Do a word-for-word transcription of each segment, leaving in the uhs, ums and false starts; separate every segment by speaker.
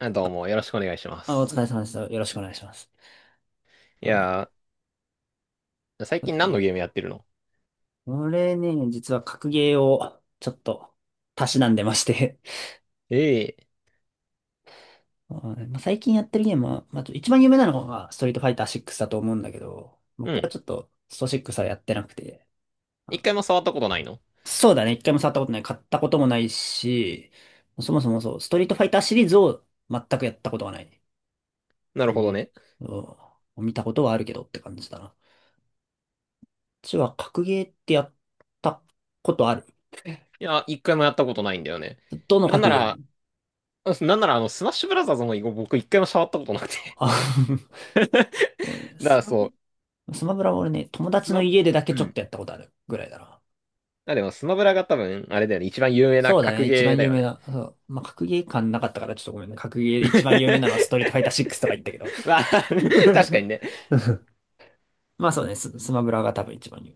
Speaker 1: あ、どうも、よろしくお願いしま
Speaker 2: あ、お疲れ
Speaker 1: す。
Speaker 2: 様です。よろしくお願いします。
Speaker 1: い
Speaker 2: あ、
Speaker 1: やー、最
Speaker 2: そうで
Speaker 1: 近
Speaker 2: す
Speaker 1: 何
Speaker 2: ね。
Speaker 1: のゲームやってるの？
Speaker 2: これね、実は格ゲーをちょっとたしなんでまして。
Speaker 1: ええ。
Speaker 2: はい。まあ、最近やってるゲームは、まあ、一番有名なのがストリートファイターシックスだと思うんだけど、
Speaker 1: う
Speaker 2: 僕は
Speaker 1: ん。
Speaker 2: ちょっとストシックスはやってなくて、
Speaker 1: 一
Speaker 2: あ、
Speaker 1: 回も触ったことないの？
Speaker 2: そうだね、一回も触ったことない、買ったこともないし、そもそもそう、ストリートファイターシリーズを全くやったことがない。
Speaker 1: なるほど
Speaker 2: ね。
Speaker 1: ね。
Speaker 2: そう、見たことはあるけどって感じだな。うちは格ゲーってやったことある？
Speaker 1: いや、一回もやったことないんだよね。
Speaker 2: どの
Speaker 1: なん
Speaker 2: 各
Speaker 1: な
Speaker 2: ゲー
Speaker 1: ら、
Speaker 2: ム？
Speaker 1: あなんならあの、スマッシュブラザーズも僕一回も触ったことなくて。
Speaker 2: あ。
Speaker 1: だか
Speaker 2: そうね、ス
Speaker 1: ら
Speaker 2: マ
Speaker 1: そ
Speaker 2: ブ
Speaker 1: う、
Speaker 2: ラ、スマブラは俺ね、友
Speaker 1: ス
Speaker 2: 達の
Speaker 1: マ、
Speaker 2: 家でだけ
Speaker 1: う
Speaker 2: ちょっ
Speaker 1: ん。
Speaker 2: とやったことあるぐらいだな。
Speaker 1: あ、でもスマブラが多分、あれだよね、一番有名な
Speaker 2: そうだ
Speaker 1: 格
Speaker 2: ね、一
Speaker 1: ゲー
Speaker 2: 番
Speaker 1: だ
Speaker 2: 有
Speaker 1: よ
Speaker 2: 名
Speaker 1: ね。
Speaker 2: な、そう。まあ、格ゲー感なかったからちょっとごめんね。格ゲー、一番有名なのはスト リートファイターシックスとか言ったけど。
Speaker 1: まあ、確かにね。
Speaker 2: まあそうね、ス、スマブラが多分一番有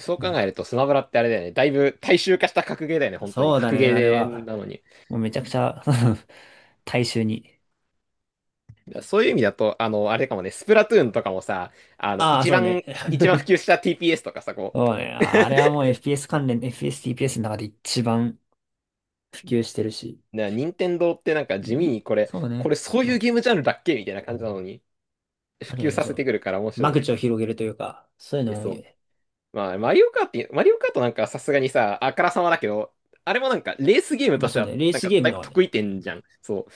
Speaker 1: そう考
Speaker 2: 名。ね、
Speaker 1: えるとスマブラってあれだよね、だいぶ大衆化した格ゲーだよね、本当に。
Speaker 2: そうだ
Speaker 1: 格
Speaker 2: ね、
Speaker 1: ゲ
Speaker 2: あれ
Speaker 1: ー
Speaker 2: は、
Speaker 1: なのに。
Speaker 2: もうめちゃくちゃ。 大衆に。
Speaker 1: そういう意味だと、あの、あれかもね、スプラトゥーンとかもさ、あの、
Speaker 2: ああ、
Speaker 1: 一
Speaker 2: そうね。
Speaker 1: 番、一番普及した ティーピーエス とかさ、こ
Speaker 2: そうね、ああれはもう エフピーエス 関連、エフピーエス、ティーピーエス の中で一番普及してるし。
Speaker 1: う、な、任天堂ってなんか地味
Speaker 2: え、
Speaker 1: にこれ、
Speaker 2: そう
Speaker 1: これ
Speaker 2: ね。
Speaker 1: そういうゲームジャンルだっけみたいな感じなのに、普
Speaker 2: あるよ
Speaker 1: 及
Speaker 2: ね、
Speaker 1: さ
Speaker 2: そ
Speaker 1: せて
Speaker 2: う。
Speaker 1: くるから面白
Speaker 2: 間
Speaker 1: い。
Speaker 2: 口を広げるというか、そういう
Speaker 1: え、
Speaker 2: の多い
Speaker 1: そ
Speaker 2: よ
Speaker 1: う。
Speaker 2: ね。
Speaker 1: まあ、マリオカートに、マリオカートなんかはさすがにさ、あからさまだけど、あれもなんかレースゲーム
Speaker 2: まあ
Speaker 1: とし
Speaker 2: そ
Speaker 1: て
Speaker 2: う
Speaker 1: は、
Speaker 2: ね、レー
Speaker 1: なん
Speaker 2: ス
Speaker 1: か
Speaker 2: ゲー
Speaker 1: だい
Speaker 2: ム
Speaker 1: ぶ
Speaker 2: はね。
Speaker 1: 得意点じゃん。そう。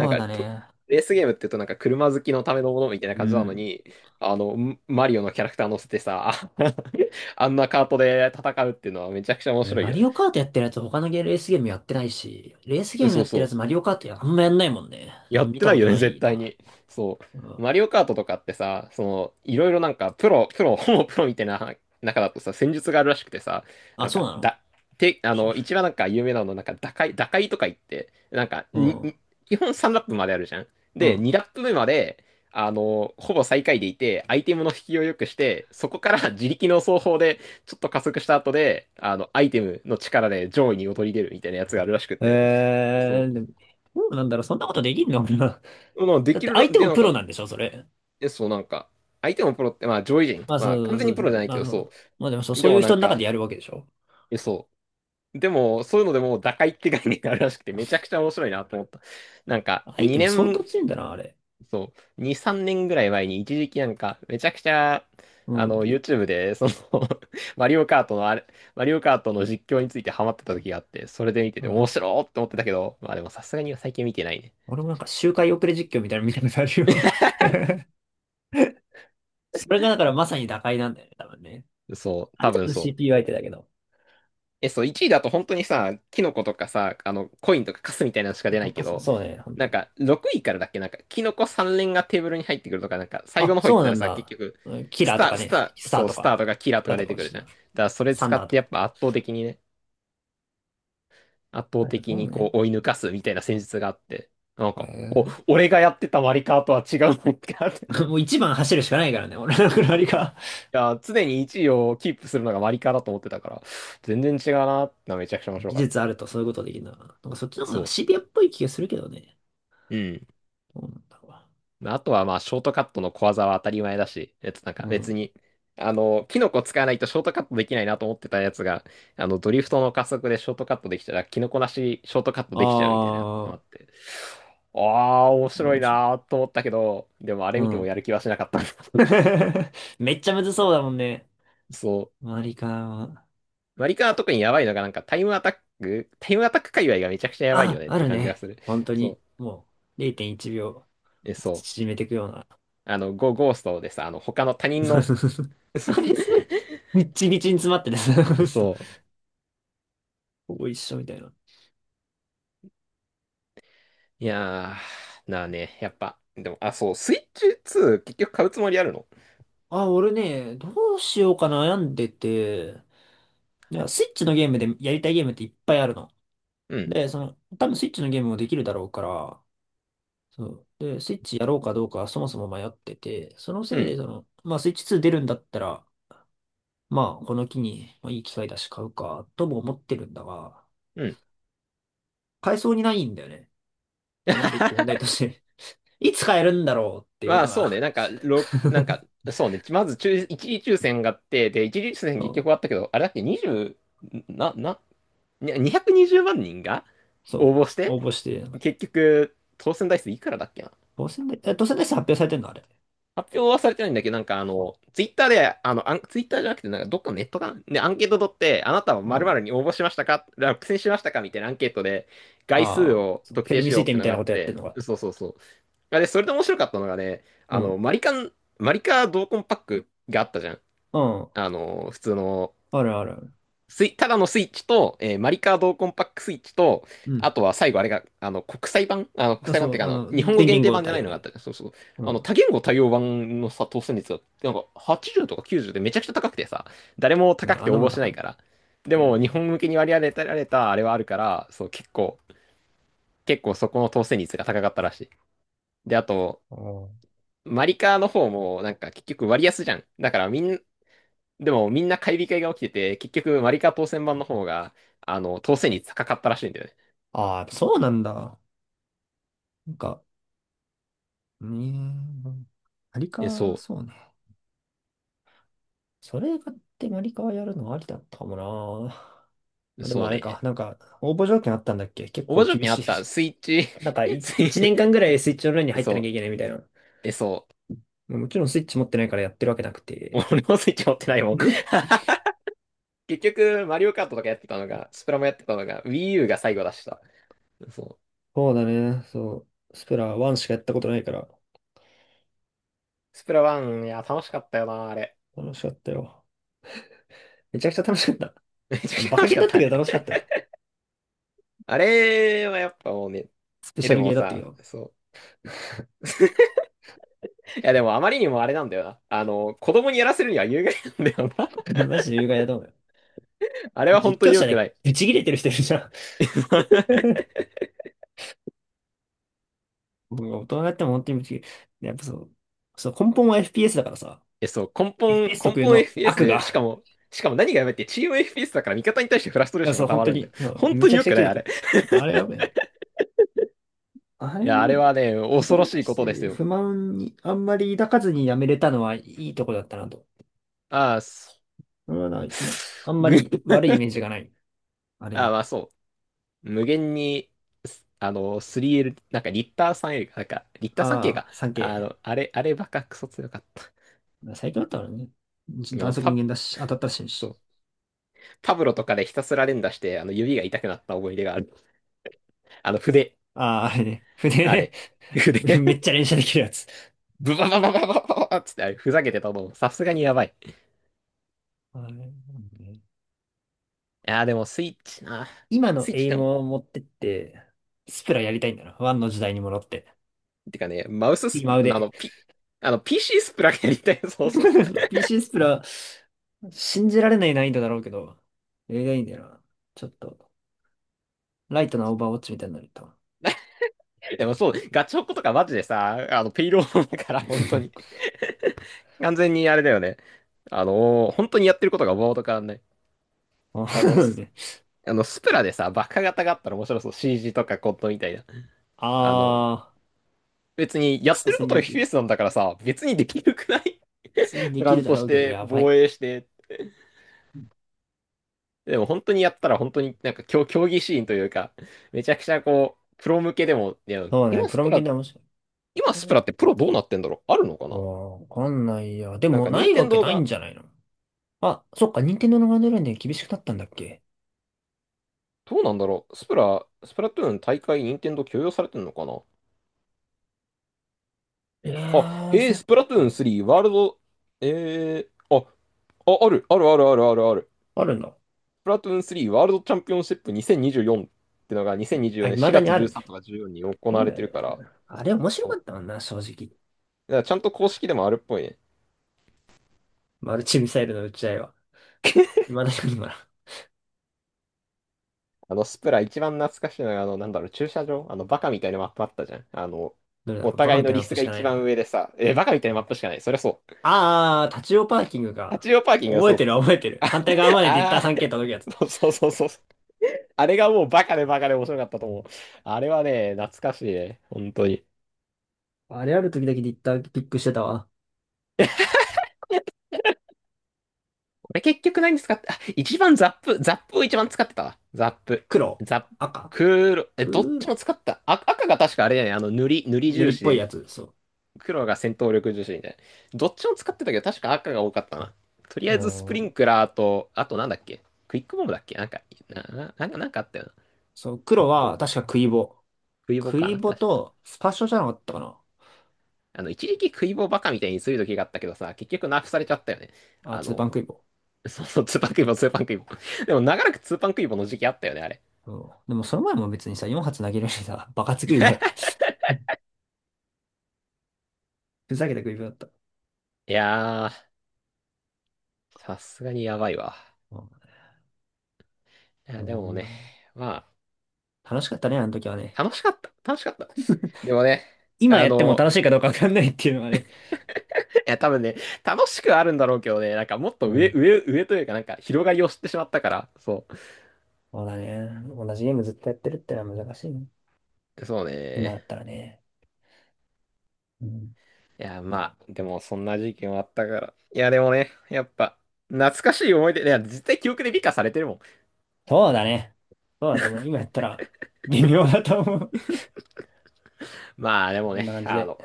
Speaker 1: なん
Speaker 2: う
Speaker 1: か
Speaker 2: だ
Speaker 1: と、
Speaker 2: ね。
Speaker 1: レースゲームって言うとなんか車好きのためのものみたいな
Speaker 2: う
Speaker 1: 感じなの
Speaker 2: ん。
Speaker 1: に、あの、んマリオのキャラクター乗せてさ、あんなカートで戦うっていうのはめちゃくちゃ面白い
Speaker 2: マ
Speaker 1: よ
Speaker 2: リ
Speaker 1: ね。
Speaker 2: オカートやってるやつ他のゲーレースゲームやってないし、レースゲーム
Speaker 1: そ
Speaker 2: や
Speaker 1: う
Speaker 2: って
Speaker 1: そ
Speaker 2: るやつ
Speaker 1: う。
Speaker 2: マリオカートやあんまやんないもんね。あ、
Speaker 1: やっ
Speaker 2: 見
Speaker 1: て
Speaker 2: た
Speaker 1: な
Speaker 2: こ
Speaker 1: い
Speaker 2: と
Speaker 1: よね、
Speaker 2: な
Speaker 1: 絶
Speaker 2: い
Speaker 1: 対
Speaker 2: な。
Speaker 1: に。そ
Speaker 2: うん。
Speaker 1: う。マリオカートとかってさ、その、いろいろなんか、プロ、プロ、ほぼプロみたいな中だとさ、戦術があるらしくてさ、
Speaker 2: あ、
Speaker 1: なん
Speaker 2: そう
Speaker 1: か、
Speaker 2: なの？
Speaker 1: だ、て、あ
Speaker 2: し、
Speaker 1: の、一番なんか有名なの、なんか、打開、打開とか言って、なんか、
Speaker 2: う
Speaker 1: に、
Speaker 2: ん。
Speaker 1: に基本さんラップまであるじゃん。
Speaker 2: う
Speaker 1: で、
Speaker 2: ん。
Speaker 1: にラップ目まで、あの、ほぼ最下位でいて、アイテムの引きを良くして、そこから 自力の走法で、ちょっと加速した後で、あの、アイテムの力で上位に躍り出るみたいなやつがあるらしくて。
Speaker 2: え
Speaker 1: そ
Speaker 2: ー、
Speaker 1: う。
Speaker 2: でも、どうなんだろう、そんなことできんのかな？
Speaker 1: まあ で
Speaker 2: だっ
Speaker 1: き
Speaker 2: て
Speaker 1: るら、
Speaker 2: 相手
Speaker 1: で、
Speaker 2: も
Speaker 1: なん
Speaker 2: プロ
Speaker 1: か、
Speaker 2: なんでしょ、それ。
Speaker 1: え、そう、なんか、相手もプロって、まあ上位陣、
Speaker 2: まあ
Speaker 1: まあ
Speaker 2: そ
Speaker 1: 完
Speaker 2: う
Speaker 1: 全
Speaker 2: そ
Speaker 1: にプ
Speaker 2: う、
Speaker 1: ロじゃない
Speaker 2: ま
Speaker 1: け
Speaker 2: あ
Speaker 1: ど、
Speaker 2: そう。
Speaker 1: そ
Speaker 2: まあでもそう、
Speaker 1: う。で
Speaker 2: そうい
Speaker 1: も
Speaker 2: う
Speaker 1: な
Speaker 2: 人
Speaker 1: ん
Speaker 2: の中で
Speaker 1: か、
Speaker 2: やるわけでしょ。
Speaker 1: え、そう。でも、そういうのでもう打開って概念があるらしくて、めちゃくちゃ面白いなと思った。なん
Speaker 2: 相手
Speaker 1: か、
Speaker 2: も
Speaker 1: 2
Speaker 2: 相当
Speaker 1: 年、
Speaker 2: 強いんだな、あれ。
Speaker 1: そう、に、さんねんぐらい前に一時期なんか、めちゃくちゃ、
Speaker 2: う
Speaker 1: あの、
Speaker 2: ん。
Speaker 1: YouTube で、その マリオカートのあれ、マリオカートの実況についてハマってた時があって、それで見て
Speaker 2: う
Speaker 1: て面
Speaker 2: ん、
Speaker 1: 白ーって思ってたけど、まあでもさすがに最近見てないね。
Speaker 2: 俺もなんか周回遅れ実況みたいなの見たことあるよ。 それがだからまさに打開なんだよね、多分ね。
Speaker 1: そう、
Speaker 2: あれ
Speaker 1: 多
Speaker 2: 多
Speaker 1: 分
Speaker 2: 分
Speaker 1: そう。
Speaker 2: シーピーユー 相手だけど。
Speaker 1: え、そう、いちいだと本当にさ、キノコとかさ、あの、コインとかカスみたいなのしか出な
Speaker 2: な
Speaker 1: い
Speaker 2: んか
Speaker 1: け
Speaker 2: そ
Speaker 1: ど、
Speaker 2: そうね、本当
Speaker 1: なん
Speaker 2: に。
Speaker 1: か、ろくいからだっけ、なんか、キノコさん連がテーブルに入ってくるとか、なんか、最後
Speaker 2: あ、
Speaker 1: の方行
Speaker 2: そ
Speaker 1: っ
Speaker 2: う
Speaker 1: た
Speaker 2: な
Speaker 1: ら
Speaker 2: ん
Speaker 1: さ、結
Speaker 2: だ。
Speaker 1: 局、
Speaker 2: うん、キ
Speaker 1: ス
Speaker 2: ラー
Speaker 1: タ
Speaker 2: とか
Speaker 1: ー、ス
Speaker 2: ね、
Speaker 1: ター、
Speaker 2: スター
Speaker 1: そう、
Speaker 2: と
Speaker 1: スター
Speaker 2: か、
Speaker 1: とかキラーと
Speaker 2: だっ
Speaker 1: か
Speaker 2: た
Speaker 1: 出
Speaker 2: か
Speaker 1: て
Speaker 2: も
Speaker 1: くる
Speaker 2: し
Speaker 1: じ
Speaker 2: れ
Speaker 1: ゃん。
Speaker 2: な
Speaker 1: だ
Speaker 2: い。
Speaker 1: から、それ
Speaker 2: サン
Speaker 1: 使
Speaker 2: ダー
Speaker 1: っ
Speaker 2: と
Speaker 1: てやっ
Speaker 2: か。
Speaker 1: ぱ圧倒的にね、圧倒
Speaker 2: あ、
Speaker 1: 的
Speaker 2: そう
Speaker 1: に
Speaker 2: ね。
Speaker 1: こう、追い抜かすみたいな戦術があって、なん
Speaker 2: へ
Speaker 1: か、お、
Speaker 2: え。
Speaker 1: 俺がやってたマリカーとは違うのかって。い
Speaker 2: もう一番走るしかないからね、俺のくらりが。
Speaker 1: や、常にいちいをキープするのがマリカーだと思ってたから、全然違うなってのはめちゃくちゃ面白
Speaker 2: 技
Speaker 1: かっ
Speaker 2: 術
Speaker 1: た。
Speaker 2: あるとそういうことできるな。なんかそっちの方がなんか
Speaker 1: そ
Speaker 2: シビアっぽい気がするけどね。
Speaker 1: う。うん。
Speaker 2: どうなんだろ
Speaker 1: まあとはまあ、ショートカットの小技は当たり前だし、えっと、なん
Speaker 2: う
Speaker 1: か
Speaker 2: な。う
Speaker 1: 別
Speaker 2: ん。
Speaker 1: に、あの、キノコ使わないとショートカットできないなと思ってたやつが、あの、ドリフトの加速でショートカットできたら、キノコなしショートカットできちゃうみたいなの
Speaker 2: あ
Speaker 1: があ
Speaker 2: あ、
Speaker 1: って、ああ、面
Speaker 2: これ
Speaker 1: 白い
Speaker 2: 面白い。
Speaker 1: なーと思ったけど、でもあれ
Speaker 2: う
Speaker 1: 見ても
Speaker 2: ん。
Speaker 1: やる気はしなかった。
Speaker 2: めっちゃむずそうだもんね。
Speaker 1: そ
Speaker 2: 周りからは、
Speaker 1: う。マリカは特にやばいのがなんかタイムアタック、タイムアタック界隈がめちゃくちゃやばいよ
Speaker 2: あ、
Speaker 1: ねっ
Speaker 2: あ
Speaker 1: て
Speaker 2: る
Speaker 1: 感じ
Speaker 2: ね。
Speaker 1: がする。
Speaker 2: 本当
Speaker 1: そ
Speaker 2: に、
Speaker 1: う。
Speaker 2: もう0.1
Speaker 1: え、
Speaker 2: 秒
Speaker 1: そう。
Speaker 2: 縮めていくような。
Speaker 1: あの、ゴ、ゴーストでさ、あの、他の他 人
Speaker 2: そう
Speaker 1: の、
Speaker 2: そうそうそう。 あれ、それ、日にちみちに詰まってて、その人
Speaker 1: そう。
Speaker 2: ほぼ一緒みたいな。
Speaker 1: いやー、なあね、やっぱ。でも、あ、そう、スイッチツー、結局買うつもりあるの？
Speaker 2: あ、俺ね、どうしようか悩んでて、いや、スイッチのゲームでやりたいゲームっていっぱいあるの。
Speaker 1: うん、
Speaker 2: で、その、多分スイッチのゲームもできるだろうから、そう。で、スイッチやろうかどうかそもそも迷ってて、その
Speaker 1: う
Speaker 2: せいで、
Speaker 1: ん、
Speaker 2: その、まあ、スイッチツー出るんだったら、まあ、この機に、まあ、いい機会だし買うか、とも思ってるんだが、
Speaker 1: うん。
Speaker 2: 買えそうにないんだよね。まあ、まず一個問題として、 いつ買えるんだろうっていう
Speaker 1: まあ、
Speaker 2: の
Speaker 1: そう
Speaker 2: が。
Speaker 1: ね、なんか、ろ、なんか、そうね、まず抽、一次抽選があって、で、一次抽選
Speaker 2: そ
Speaker 1: 結
Speaker 2: う、
Speaker 1: 局あったけど、あれだっけ、にじゅう、な、な、ににひゃくにじゅうまん人が
Speaker 2: そ
Speaker 1: 応
Speaker 2: う、
Speaker 1: 募し
Speaker 2: 応
Speaker 1: て、
Speaker 2: 募して、なんか
Speaker 1: 結局、当選台数いくらだっけな。
Speaker 2: 当選で、え、当選で発表されてんのあれ？
Speaker 1: 発表はされてないんだけど、なんかあの、ツイッターで、あの、あん、ツイッターじゃなくて、なんかどっかのネットかなで、アンケート取って、あなたは
Speaker 2: う
Speaker 1: 〇〇
Speaker 2: ん。
Speaker 1: に応募しましたか落選しましたかみたいなアンケートで、概数
Speaker 2: ああ、
Speaker 1: を
Speaker 2: そう
Speaker 1: 特
Speaker 2: フェル
Speaker 1: 定
Speaker 2: ミ
Speaker 1: し
Speaker 2: 推
Speaker 1: ようっ
Speaker 2: 定
Speaker 1: て
Speaker 2: み
Speaker 1: の
Speaker 2: たい
Speaker 1: があ
Speaker 2: なこ
Speaker 1: っ
Speaker 2: とやってん
Speaker 1: て、
Speaker 2: のか。
Speaker 1: そうそうそう。あで、それで面白かったのがね、
Speaker 2: う
Speaker 1: あの、
Speaker 2: ん。
Speaker 1: マリカン、マリカ同梱パックがあったじゃん。
Speaker 2: うん。
Speaker 1: あの、普通の
Speaker 2: あるあるある。
Speaker 1: スイ、ただのスイッチと、えーマリカードコンパックスイッチと、
Speaker 2: う
Speaker 1: あ
Speaker 2: ん。
Speaker 1: とは最後あれが、あの、国際版あの、国
Speaker 2: あ、
Speaker 1: 際版っ
Speaker 2: そ
Speaker 1: ていう
Speaker 2: う、
Speaker 1: か、あ
Speaker 2: あ
Speaker 1: の、
Speaker 2: の、
Speaker 1: 日本語
Speaker 2: 電
Speaker 1: 限
Speaker 2: 源
Speaker 1: 定
Speaker 2: 号
Speaker 1: 版じゃ
Speaker 2: 対
Speaker 1: ない
Speaker 2: 応
Speaker 1: のがあっ
Speaker 2: ね。
Speaker 1: たじゃん。そうそう。
Speaker 2: う
Speaker 1: あの、
Speaker 2: ん。
Speaker 1: 多言語対応版のさ、当選率が、なんかはちじゅうとかきゅうじゅうでめちゃくちゃ高くてさ、誰も
Speaker 2: ね、
Speaker 1: 高く
Speaker 2: あ
Speaker 1: て
Speaker 2: んな
Speaker 1: 応
Speaker 2: もん
Speaker 1: 募
Speaker 2: だ
Speaker 1: しな
Speaker 2: か
Speaker 1: い
Speaker 2: ら。
Speaker 1: から。で
Speaker 2: う
Speaker 1: も、
Speaker 2: ん。
Speaker 1: 日本
Speaker 2: あ
Speaker 1: 向けに割り当てられたあれはあるから、そう、結構、結構そこの当選率が高かったらしい。で、あと、マリカーの方も、なんか結局割安じゃん。だからみんな、でもみんな買い控えが起きてて、結局マリカ当選版の方が、あの、当選率高かったらしいんだよね。
Speaker 2: あ、ああそうなんだ。なんか、ね、え、あり
Speaker 1: え、
Speaker 2: か、
Speaker 1: そ
Speaker 2: そうね。それ買ってマリカはやるのありだったかもな。
Speaker 1: う、
Speaker 2: まあでも
Speaker 1: そう
Speaker 2: あれか、
Speaker 1: ね。
Speaker 2: なんか応募条件あったんだっけ？結
Speaker 1: 応
Speaker 2: 構
Speaker 1: 募条
Speaker 2: 厳
Speaker 1: 件あ
Speaker 2: しい。
Speaker 1: った、スイッチ、
Speaker 2: なんか いち、
Speaker 1: スイ
Speaker 2: 一年間ぐらいスイッチオンラインに
Speaker 1: え、
Speaker 2: 入って
Speaker 1: そ
Speaker 2: なきゃ
Speaker 1: う、
Speaker 2: いけないみたいな。
Speaker 1: え、そ
Speaker 2: まあもちろんスイッチ持ってないからやってるわけなく
Speaker 1: う。
Speaker 2: て。
Speaker 1: 俺もスイッチ持ってないもん。結局、マリオカートとかやってたのが、スプラもやってたのが、Wii U が最後出した。そう。
Speaker 2: そうだね、そう。スプラワンしかやったことないから、
Speaker 1: スプラワン、いや、楽しかったよな、あれ。
Speaker 2: 楽しかったよ。めちゃくちゃ楽しかった。
Speaker 1: めちゃくちゃ
Speaker 2: バカ
Speaker 1: 楽し
Speaker 2: ゲー
Speaker 1: かっ
Speaker 2: だっ
Speaker 1: た、
Speaker 2: た
Speaker 1: あ
Speaker 2: け
Speaker 1: れ。
Speaker 2: ど楽しかったよ。
Speaker 1: あれはやっぱもうね、
Speaker 2: スペ
Speaker 1: え、
Speaker 2: シャ
Speaker 1: で
Speaker 2: ルゲ
Speaker 1: も
Speaker 2: ーだったけ
Speaker 1: さ、
Speaker 2: ど。
Speaker 1: そう。いや、でもあまりにもあれなんだよな。あの、子供にやらせるには有害なんだよな。
Speaker 2: マジで有害だと思うよ。
Speaker 1: あれは本
Speaker 2: 実
Speaker 1: 当に
Speaker 2: 況
Speaker 1: 良
Speaker 2: 者
Speaker 1: く
Speaker 2: で
Speaker 1: ない。
Speaker 2: ブチ切れてる人いるじゃん。僕が大人になっても本当にブチ切れ。やっぱそう、そう根本は エフピーエス だからさ。
Speaker 1: え、そう、根
Speaker 2: イギ
Speaker 1: 本、
Speaker 2: リス
Speaker 1: 根
Speaker 2: 特有
Speaker 1: 本
Speaker 2: の
Speaker 1: エフピーエス
Speaker 2: 悪が、
Speaker 1: で、しかも、しかも何がやばいって、チーム エフピーエス だから味方に対してフラストレ
Speaker 2: い
Speaker 1: ー
Speaker 2: や、
Speaker 1: ション
Speaker 2: そう、
Speaker 1: が溜
Speaker 2: 本
Speaker 1: ま
Speaker 2: 当
Speaker 1: るんだ
Speaker 2: に、
Speaker 1: よ。
Speaker 2: そう、
Speaker 1: 本
Speaker 2: め
Speaker 1: 当
Speaker 2: ち
Speaker 1: に
Speaker 2: ゃく
Speaker 1: 良
Speaker 2: ちゃ
Speaker 1: く
Speaker 2: 切
Speaker 1: ない、
Speaker 2: れ
Speaker 1: あ
Speaker 2: て
Speaker 1: れ。
Speaker 2: る。あれよ ねい。あ
Speaker 1: い
Speaker 2: れも
Speaker 1: や、あ
Speaker 2: な
Speaker 1: れ
Speaker 2: んか、
Speaker 1: はね、
Speaker 2: 味
Speaker 1: 恐
Speaker 2: 方
Speaker 1: ろ
Speaker 2: に
Speaker 1: し
Speaker 2: 対
Speaker 1: い
Speaker 2: し
Speaker 1: ことです
Speaker 2: て
Speaker 1: よ。
Speaker 2: 不満にあんまり抱かずにやめれたのはいいとこだったなと。
Speaker 1: ああ、そ
Speaker 2: それはな、まあん
Speaker 1: う。
Speaker 2: ま
Speaker 1: ぐ
Speaker 2: り悪い イメージがない。あれ
Speaker 1: ああ、
Speaker 2: に。
Speaker 1: まあそう。無限に、あの、スリーエル、なんかリッター スリーエル か、なんか、リッター スリーケー
Speaker 2: あ
Speaker 1: が、
Speaker 2: あ、サン
Speaker 1: あ
Speaker 2: ケ
Speaker 1: の、あれ、あればかクソ強かった。
Speaker 2: イ。まあ最強だったからね。
Speaker 1: あ
Speaker 2: 弾
Speaker 1: の、
Speaker 2: 速無
Speaker 1: パ、
Speaker 2: 限だし、当たったら死ぬ
Speaker 1: そ
Speaker 2: し。
Speaker 1: う。パブロとかでひたすら連打して、あの、指が痛くなった思い出がある。あの、筆。
Speaker 2: ああ、あれね。船
Speaker 1: あ
Speaker 2: ね。
Speaker 1: れ。筆。
Speaker 2: めっちゃ連射できるやつ。
Speaker 1: ブババババババババっつって、あれふざけてたの、さすがにやばい。い
Speaker 2: あれなんだね、
Speaker 1: やーでもスイッチな。
Speaker 2: 今の
Speaker 1: スイッ
Speaker 2: エ
Speaker 1: チ
Speaker 2: イ
Speaker 1: で
Speaker 2: ム
Speaker 1: も、
Speaker 2: を持ってって、スプラやりたいんだな。ワンの時代に戻って。
Speaker 1: てかね、マウス
Speaker 2: 今
Speaker 1: スプ、あ
Speaker 2: 腕。
Speaker 1: の、ピ、あの、ピーシー スプラやりたい。そうそうそう。
Speaker 2: ピーシー スプラ、信じられない難易度だろうけど、映画いいんだよな。ちょっと、ライトなオーバーウォッチみたいになると。
Speaker 1: なでもそう、ガチホコとかマジでさ、あの、ペイロードだから、本当に。完全にあれだよね。あのー本当にやってることがボード変わんない。
Speaker 2: あ
Speaker 1: あの、
Speaker 2: ー、
Speaker 1: ス
Speaker 2: ね、
Speaker 1: あの、スプラでさ、バカ型があったら面白そう。シージー とかコットンみたいな。
Speaker 2: あ
Speaker 1: あの、
Speaker 2: ー
Speaker 1: 別にや
Speaker 2: ク
Speaker 1: っ
Speaker 2: ソ
Speaker 1: てるこ
Speaker 2: 戦
Speaker 1: とが
Speaker 2: 略
Speaker 1: エフピーエス なんだからさ、別にできるくない？プ
Speaker 2: でき
Speaker 1: ラ
Speaker 2: る
Speaker 1: ン
Speaker 2: だ
Speaker 1: とし
Speaker 2: ろうけど、
Speaker 1: て、
Speaker 2: やばい。
Speaker 1: 防衛して。でも本当にやったら本当になんか競、競技シーンというか、めちゃくちゃこう、プロ向けでも、いや、
Speaker 2: そうね、
Speaker 1: 今
Speaker 2: プ
Speaker 1: ス
Speaker 2: ロ
Speaker 1: プ
Speaker 2: 向け
Speaker 1: ラ、
Speaker 2: で面白い。
Speaker 1: 今
Speaker 2: あ
Speaker 1: スプラってプロどうなってんだろう？あるのか
Speaker 2: ー、
Speaker 1: な？
Speaker 2: わかんないや。で
Speaker 1: なん
Speaker 2: も、
Speaker 1: か
Speaker 2: な
Speaker 1: 任
Speaker 2: いわ
Speaker 1: 天
Speaker 2: け
Speaker 1: 堂
Speaker 2: ないん
Speaker 1: が、
Speaker 2: じゃないの？あ、そっか、任天堂のガイドラインで厳しくなったんだっけ？
Speaker 1: どうなんだろう、スプラ、スプラトゥーン大会任天堂許容されてんのかな？
Speaker 2: え
Speaker 1: あ、
Speaker 2: ー、
Speaker 1: へ
Speaker 2: そ
Speaker 1: え、
Speaker 2: っ
Speaker 1: スプラトゥーン
Speaker 2: か。
Speaker 1: 3ワールド、えー、あ、あ、ある、あるあるあるあるある。
Speaker 2: あるんだ。
Speaker 1: スプラトゥーンスリーワールドチャンピオンシップにせんにじゅうよんってのが2024
Speaker 2: あ、
Speaker 1: 年
Speaker 2: 未だ
Speaker 1: 4
Speaker 2: に
Speaker 1: 月
Speaker 2: あるね。
Speaker 1: じゅうさんとかじゅうよんに行
Speaker 2: そ
Speaker 1: わ
Speaker 2: う
Speaker 1: れ
Speaker 2: だよ
Speaker 1: てる
Speaker 2: ね。
Speaker 1: から、
Speaker 2: あれ面白
Speaker 1: そ
Speaker 2: か
Speaker 1: う、
Speaker 2: ったもんな、正直。
Speaker 1: だからちゃんと公式でもあるっぽいね。
Speaker 2: マルチミサイルの撃ち合いは。今確かに今な。
Speaker 1: あの、スプラ一番懐かしいのが、あの、なんだろう、駐車場、あの、バカみたいなマップあったじゃん。あの、
Speaker 2: どれだ
Speaker 1: お
Speaker 2: ろう、バカ
Speaker 1: 互い
Speaker 2: みた
Speaker 1: の
Speaker 2: いな
Speaker 1: リ
Speaker 2: アッ
Speaker 1: ス
Speaker 2: プし
Speaker 1: が
Speaker 2: かな
Speaker 1: 一
Speaker 2: い
Speaker 1: 番
Speaker 2: な。
Speaker 1: 上でさ、え、バカみたいなマップしかない。そりゃそう。
Speaker 2: あー、立ち用パーキングか。
Speaker 1: 立ち用パーキングが、
Speaker 2: 覚
Speaker 1: そ
Speaker 2: え
Speaker 1: う
Speaker 2: て
Speaker 1: そう
Speaker 2: る
Speaker 1: そう。
Speaker 2: 覚えてる。反対側までディッタ
Speaker 1: あ、
Speaker 2: ー
Speaker 1: あ
Speaker 2: スリーケー 届くやつ。
Speaker 1: ー、そうそうそうそう。あれがもうバカでバカで面白かったと思う。あれはね、懐かしいね。本当に。
Speaker 2: あれある時だけディッターピックしてたわ。
Speaker 1: 俺結局何使って、あ、一番ザップ、ザップを一番使ってたわ。ザップ。
Speaker 2: 黒、
Speaker 1: ザップ、
Speaker 2: 赤、
Speaker 1: クール、え、どっ
Speaker 2: 黒。
Speaker 1: ちも使った。あ、赤が確かあれだよね。あの、塗り、塗り
Speaker 2: 塗
Speaker 1: 重
Speaker 2: りっ
Speaker 1: 視
Speaker 2: ぽい
Speaker 1: で、
Speaker 2: やつ、そ
Speaker 1: 黒が戦闘力重視みたいな。どっちも使ってたけど、確か赤が多かったな。とりあ
Speaker 2: う。
Speaker 1: えずスプ
Speaker 2: お
Speaker 1: リン
Speaker 2: ー、
Speaker 1: クラーと、あとなんだっけ、クイックボムだっけ、なんか、な、な、なんかなんかあったよ
Speaker 2: そう、
Speaker 1: な。
Speaker 2: 黒は
Speaker 1: お、
Speaker 2: 確かクイボ。
Speaker 1: クイボ
Speaker 2: ク
Speaker 1: か
Speaker 2: イ
Speaker 1: な
Speaker 2: ボ
Speaker 1: 確か。
Speaker 2: とスパッショじゃなかったかな。
Speaker 1: あの、一時期クイボバカみたいにする時があったけどさ、結局ナーフされちゃったよね。
Speaker 2: あ、
Speaker 1: あ
Speaker 2: ツーパ
Speaker 1: の、
Speaker 2: ンクイボ。
Speaker 1: そうそう、ツーパンクイボ、ツーパンクイボ。でも長らくツーパンクイボの時期あったよね、あれ。
Speaker 2: うん。でもその前も別にさ、よん発投げるしさ、バカつクイボだった。ふざけたクイボだった。
Speaker 1: いやー、さすがにやばいわ。
Speaker 2: うん、
Speaker 1: いや、
Speaker 2: な
Speaker 1: でも
Speaker 2: ん
Speaker 1: ね、
Speaker 2: だ、
Speaker 1: ま
Speaker 2: 楽しかったね、あの時はね。
Speaker 1: あ、楽しかった。楽しかった。でもね、
Speaker 2: 今
Speaker 1: あ
Speaker 2: やっても
Speaker 1: の、
Speaker 2: 楽しいかどうかわかんないっていうのがね。
Speaker 1: いや、多分ね、楽しくはあるんだろうけどね、なんかもっと
Speaker 2: う
Speaker 1: 上、
Speaker 2: ん。
Speaker 1: 上、上というか、なんか広がりを知ってしまったから、そ
Speaker 2: そうだね。同じゲームずっとやってるってのは難しいね。
Speaker 1: う。そう
Speaker 2: 今
Speaker 1: ね。
Speaker 2: だったらね。うん。
Speaker 1: いや、まあ、でもそんな時期もあったから。いや、でもね、やっぱ、懐かしい思い出、いや、絶対記憶で美化されてるもん。
Speaker 2: そうだね。そうだと思う。今やったら微妙だと思う。
Speaker 1: まあ、でも
Speaker 2: こん
Speaker 1: ね、
Speaker 2: な感じ
Speaker 1: あ
Speaker 2: で。
Speaker 1: の、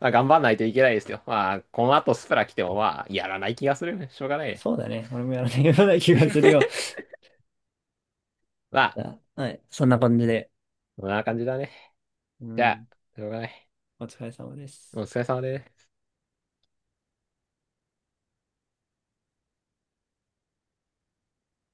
Speaker 1: まあ、頑張んないといけないですよ。まあ、この後スプラ来ても、まあ、やらない気がするね。しょうがないね。
Speaker 2: そうだね。俺もやらないような気がするよ。
Speaker 1: まあ、
Speaker 2: じゃあ、はい。そんな感じで。
Speaker 1: こんな感じだね。
Speaker 2: う
Speaker 1: じゃあ、
Speaker 2: ん。
Speaker 1: しょうがない。
Speaker 2: お疲れ様で
Speaker 1: お
Speaker 2: す。
Speaker 1: 疲れ様です。